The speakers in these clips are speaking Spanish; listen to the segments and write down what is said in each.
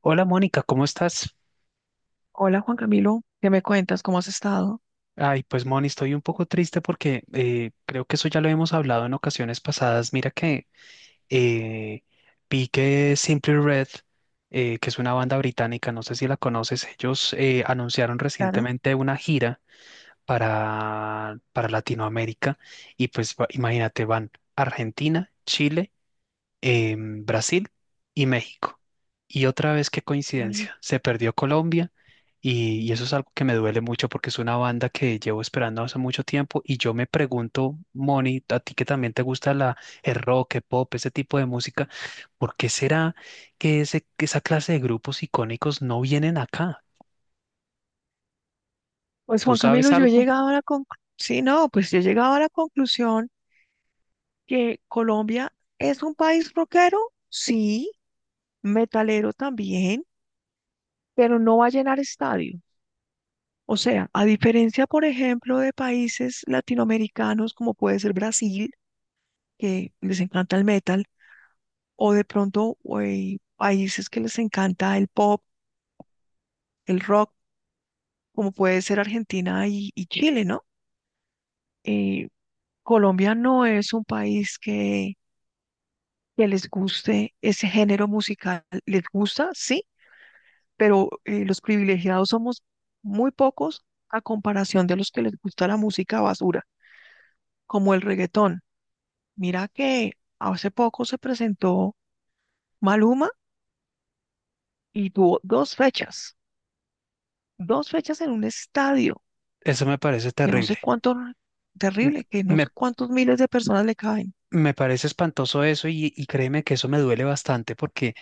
Hola Mónica, ¿cómo estás? Hola Juan Camilo, ¿qué me cuentas? ¿Cómo has estado? Ay, pues Moni, estoy un poco triste porque creo que eso ya lo hemos hablado en ocasiones pasadas. Mira que eh, vi que Simply Red, que es una banda británica, no sé si la conoces. Ellos anunciaron Claro. recientemente una gira para Latinoamérica, y pues imagínate, van a Argentina, Chile, Brasil y México. Y otra vez, qué Ay, coincidencia, se perdió Colombia, y eso es algo que me duele mucho porque es una banda que llevo esperando hace mucho tiempo. Y yo me pregunto, Moni, a ti que también te gusta el rock, el pop, ese tipo de música, ¿por qué será que esa clase de grupos icónicos no vienen acá? pues ¿Tú Juan sabes Camilo, yo he algo? llegado a la conclusión, sí, no, pues yo he llegado a la conclusión que Colombia es un país rockero, sí, metalero también, pero no va a llenar estadio. O sea, a diferencia, por ejemplo, de países latinoamericanos como puede ser Brasil, que les encanta el metal, o de pronto güey, países que les encanta el pop, el rock, como puede ser Argentina y Chile, ¿no? Eh, Colombia no es un país que les guste ese género musical. Les gusta, sí, pero los privilegiados somos muy pocos a comparación de los que les gusta la música basura, como el reggaetón. Mira que hace poco se presentó Maluma y tuvo dos fechas en un estadio Eso me parece que no sé terrible. cuánto, N- terrible, que no Me, sé cuántos miles de personas le caben. me parece espantoso eso, y créeme que eso me duele bastante porque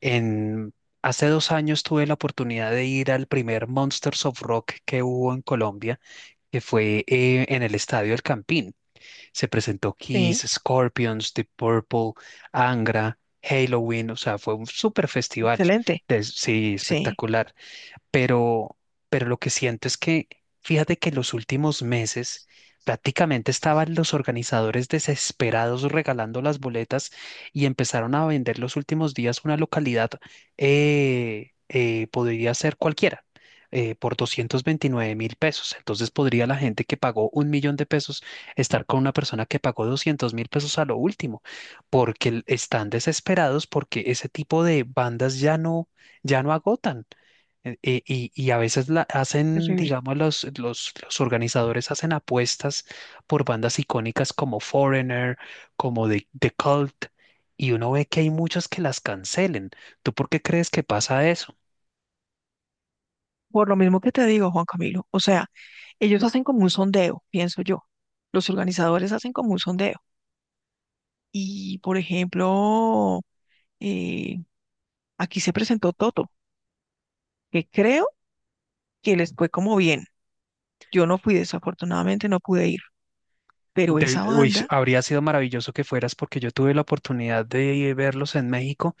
En, hace 2 años tuve la oportunidad de ir al primer Monsters of Rock que hubo en Colombia, que fue en el Estadio El Campín. Se presentó Kiss, Sí, Scorpions, The Purple, Angra, Halloween. O sea, fue un super festival, excelente. Sí, Sí, espectacular. Pero, pero lo que siento es que, fíjate, que los últimos meses prácticamente estaban los organizadores desesperados regalando las boletas, y empezaron a vender los últimos días una localidad, podría ser cualquiera, por 229.000 pesos. Entonces podría la gente que pagó un millón de pesos estar con una persona que pagó 200.000 pesos a lo último, porque están desesperados porque ese tipo de bandas ya no, ya no agotan. Y a veces la hacen, terrible. digamos, los organizadores hacen apuestas por bandas icónicas como Foreigner, como The Cult, y uno ve que hay muchas que las cancelen. ¿Tú por qué crees que pasa eso? Por lo mismo que te digo, Juan Camilo, o sea, ellos hacen como un sondeo, pienso yo. Los organizadores hacen como un sondeo. Y, por ejemplo, eh, aquí se presentó Toto, que creo que les fue como bien. Yo no fui, desafortunadamente no pude ir, pero esa Uy, banda, habría sido maravilloso que fueras, porque yo tuve la oportunidad de verlos en México,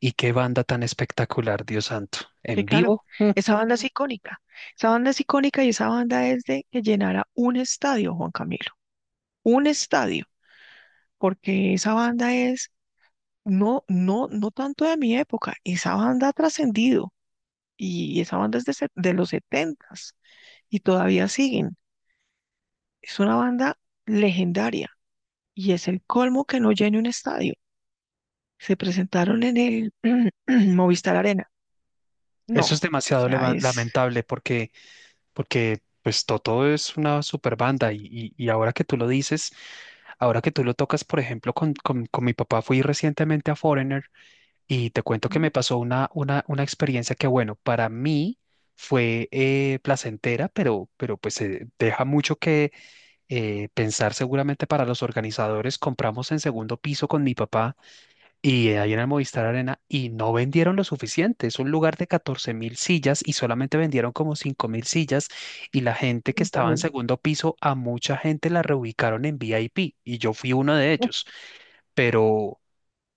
y qué banda tan espectacular, Dios santo. sí, En claro, vivo. Esa banda es icónica. Esa banda es icónica y esa banda es de que llenara un estadio, Juan Camilo, un estadio, porque esa banda es, no, no, no tanto de mi época, esa banda ha trascendido. Y esa banda es de los setentas y todavía siguen. Es una banda legendaria y es el colmo que no llene un estadio. Se presentaron en el Movistar Arena. Eso es No, o demasiado sea, es. lamentable, porque pues Toto es una super banda, y ahora que tú lo dices, ahora que tú lo tocas. Por ejemplo, con mi papá fui recientemente a Foreigner, y te cuento que me pasó una experiencia que, bueno, para mí fue placentera, pero pues deja mucho que pensar seguramente para los organizadores. Compramos en segundo piso con mi papá, y ahí en el Movistar Arena, y no vendieron lo suficiente. Es un lugar de 14.000 sillas y solamente vendieron como 5.000 sillas. Y la gente que estaba en Terrible. segundo piso, a mucha gente la reubicaron en VIP. Y yo fui uno de ellos. Pero,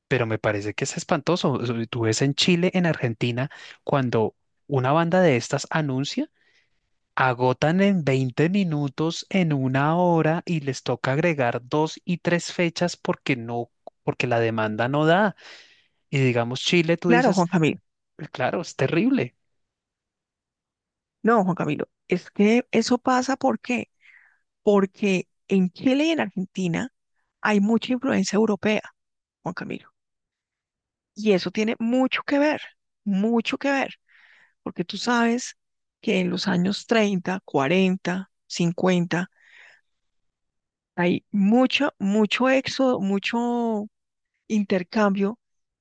pero me parece que es espantoso. O sea, tú ves en Chile, en Argentina, cuando una banda de estas anuncia, agotan en 20 minutos, en una hora, y les toca agregar dos y tres fechas, porque no, porque la demanda no da. Y digamos Chile, tú Claro, dices: Juan Camilo. "Pues claro, es terrible." No, Juan Camilo, es que eso pasa ¿por qué? Porque en Chile y en Argentina hay mucha influencia europea, Juan Camilo, y eso tiene mucho que ver, mucho que ver. Porque tú sabes que en los años 30, 40, 50 hay mucho, mucho éxodo, mucho intercambio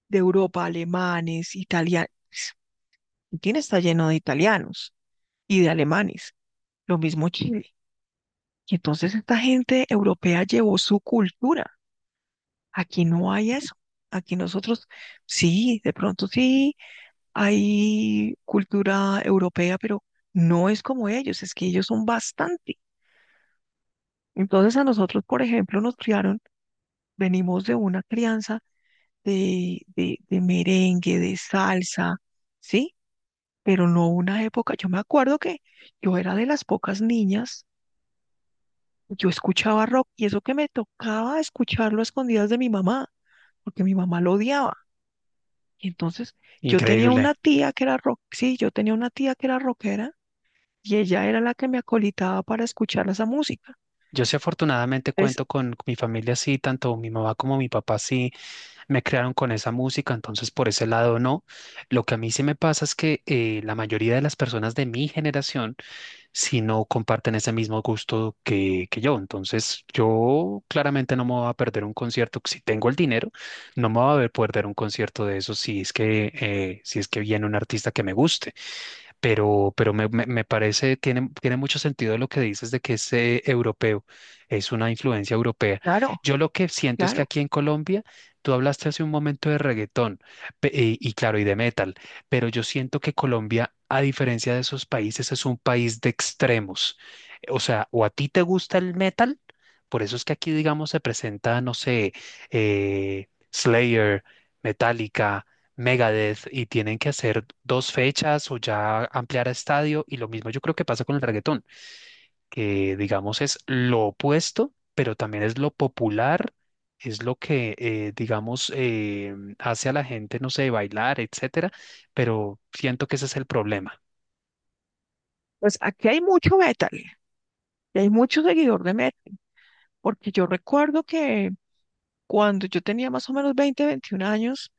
de Europa, alemanes, italianos. Argentina está lleno de italianos y de alemanes, lo mismo Chile. Y entonces esta gente europea llevó su cultura. Aquí no hay eso. Aquí nosotros, sí, de pronto sí, hay cultura europea, pero no es como ellos, es que ellos son bastante. Entonces a nosotros, por ejemplo, nos criaron, venimos de una crianza de merengue, de salsa, ¿sí? Pero no una época, yo me acuerdo que yo era de las pocas niñas, yo escuchaba rock y eso que me tocaba escucharlo a escondidas de mi mamá, porque mi mamá lo odiaba. Y entonces yo tenía Increíble. una tía que era rock, sí, yo tenía una tía que era rockera y ella era la que me acolitaba para escuchar esa música. Yo sí, afortunadamente, Entonces, cuento con mi familia así. Tanto mi mamá como mi papá sí me crearon con esa música, entonces por ese lado no. Lo que a mí sí me pasa es que la mayoría de las personas de mi generación sí no comparten ese mismo gusto que yo. Entonces yo claramente no me voy a perder un concierto, si tengo el dinero. No me voy a ver perder un concierto de eso, si es que, si es que viene un artista que me guste. Pero me parece, tiene mucho sentido lo que dices, de que es europeo, es una influencia europea. claro, Yo lo que siento es que claro, aquí en Colombia, tú hablaste hace un momento de reggaetón, y claro, y de metal. Pero yo siento que Colombia, a diferencia de esos países, es un país de extremos. O sea, o a ti te gusta el metal, por eso es que aquí, digamos, se presenta, no sé, Slayer, Metallica, Megadeth, y tienen que hacer dos fechas o ya ampliar a estadio. Y lo mismo yo creo que pasa con el reggaetón, que digamos es lo opuesto, pero también es lo popular. Es lo que digamos, hace a la gente, no sé, bailar, etcétera, pero siento que ese es el problema. pues aquí hay mucho metal. Y hay mucho seguidor de México, porque yo recuerdo que cuando yo tenía más o menos 20 21 años,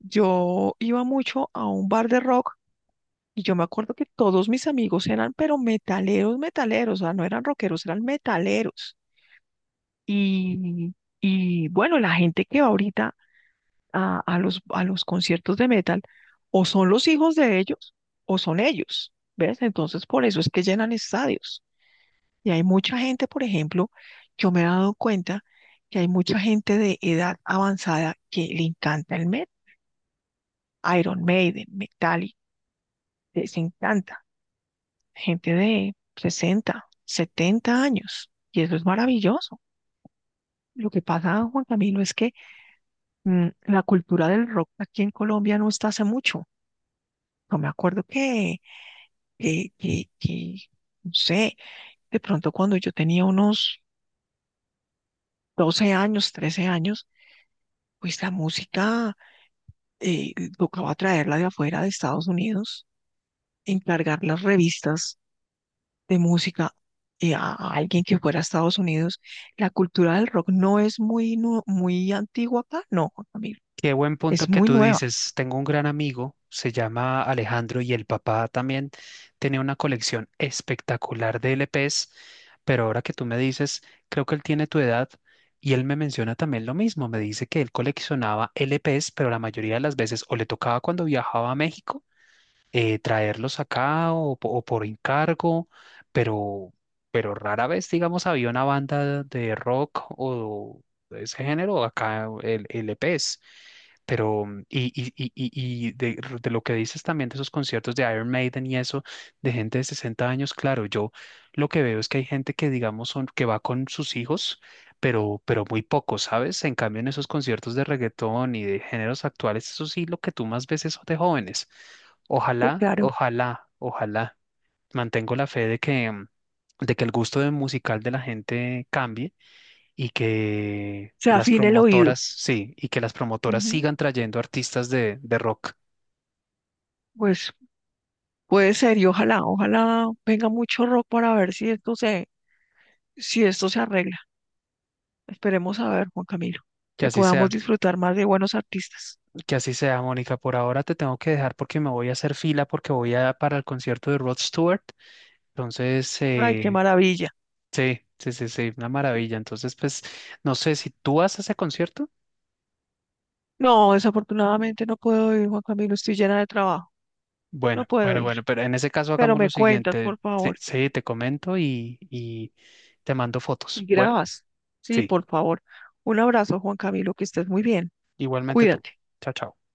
yo iba mucho a un bar de rock y yo me acuerdo que todos mis amigos eran, pero metaleros, metaleros, o sea, no eran rockeros, eran metaleros. Y, y bueno, la gente que va ahorita a los conciertos de metal, o son los hijos de ellos, o son ellos, ¿ves? Entonces, por eso es que llenan estadios. Y hay mucha gente, por ejemplo, yo me he dado cuenta que hay mucha gente de edad avanzada que le encanta el metal, Iron Maiden, Metallica, les encanta. Gente de 60, 70 años. Y eso es maravilloso. Lo que pasa, Juan Camilo, es que la cultura del rock aquí en Colombia no está hace mucho. Yo me acuerdo que, que, que, no sé, de pronto cuando yo tenía unos 12 años, 13 años, pues la música tocaba traerla de afuera de Estados Unidos, encargar las revistas de música a alguien que fuera a Estados Unidos. La cultura del rock no es muy, muy antigua acá, no, Juan Camilo, Qué buen punto es el que muy tú nueva. dices. Tengo un gran amigo, se llama Alejandro, y el papá también tenía una colección espectacular de LPs. Pero ahora que tú me dices, creo que él tiene tu edad, y él me menciona también lo mismo. Me dice que él coleccionaba LPs, pero la mayoría de las veces o le tocaba cuando viajaba a México traerlos acá, o por encargo. Pero, rara vez, digamos, había una banda de rock o de ese género acá, el EPs. Pero, y de lo que dices también de esos conciertos de Iron Maiden y eso, de gente de 60 años, claro, yo lo que veo es que hay gente que, digamos, son, que va con sus hijos, pero muy poco, ¿sabes? En cambio, en esos conciertos de reggaetón y de géneros actuales, eso sí, lo que tú más ves es de jóvenes. Sí, Ojalá, claro, ojalá, ojalá. Mantengo la fe de que, de que el gusto de musical de la gente cambie, y que se las afina el oído. promotoras, sí, y que las promotoras Ujú. sigan trayendo artistas de rock. Pues puede ser y ojalá, ojalá venga mucho rock para ver si esto si esto se arregla. Esperemos a ver, Juan Camilo, Que que así podamos sea, disfrutar más de buenos artistas. que así sea, Mónica. Por ahora te tengo que dejar porque me voy a hacer fila porque voy a para el concierto de Rod Stewart. Entonces, Ay, qué maravilla. sí, sí, sí, sí, una maravilla. Entonces, pues, no sé si tú vas a ese concierto. No, desafortunadamente no puedo ir, Juan Camilo, estoy llena de trabajo, no Bueno, puedo bueno, ir, bueno, pero en ese caso pero hagamos lo me cuentas, siguiente. por Sí, favor, sí, te comento, y te mando y fotos. Bueno, grabas. Sí, sí, por favor. Un abrazo, Juan Camilo, que estés muy bien. igualmente tú. Cuídate. Chao, chao.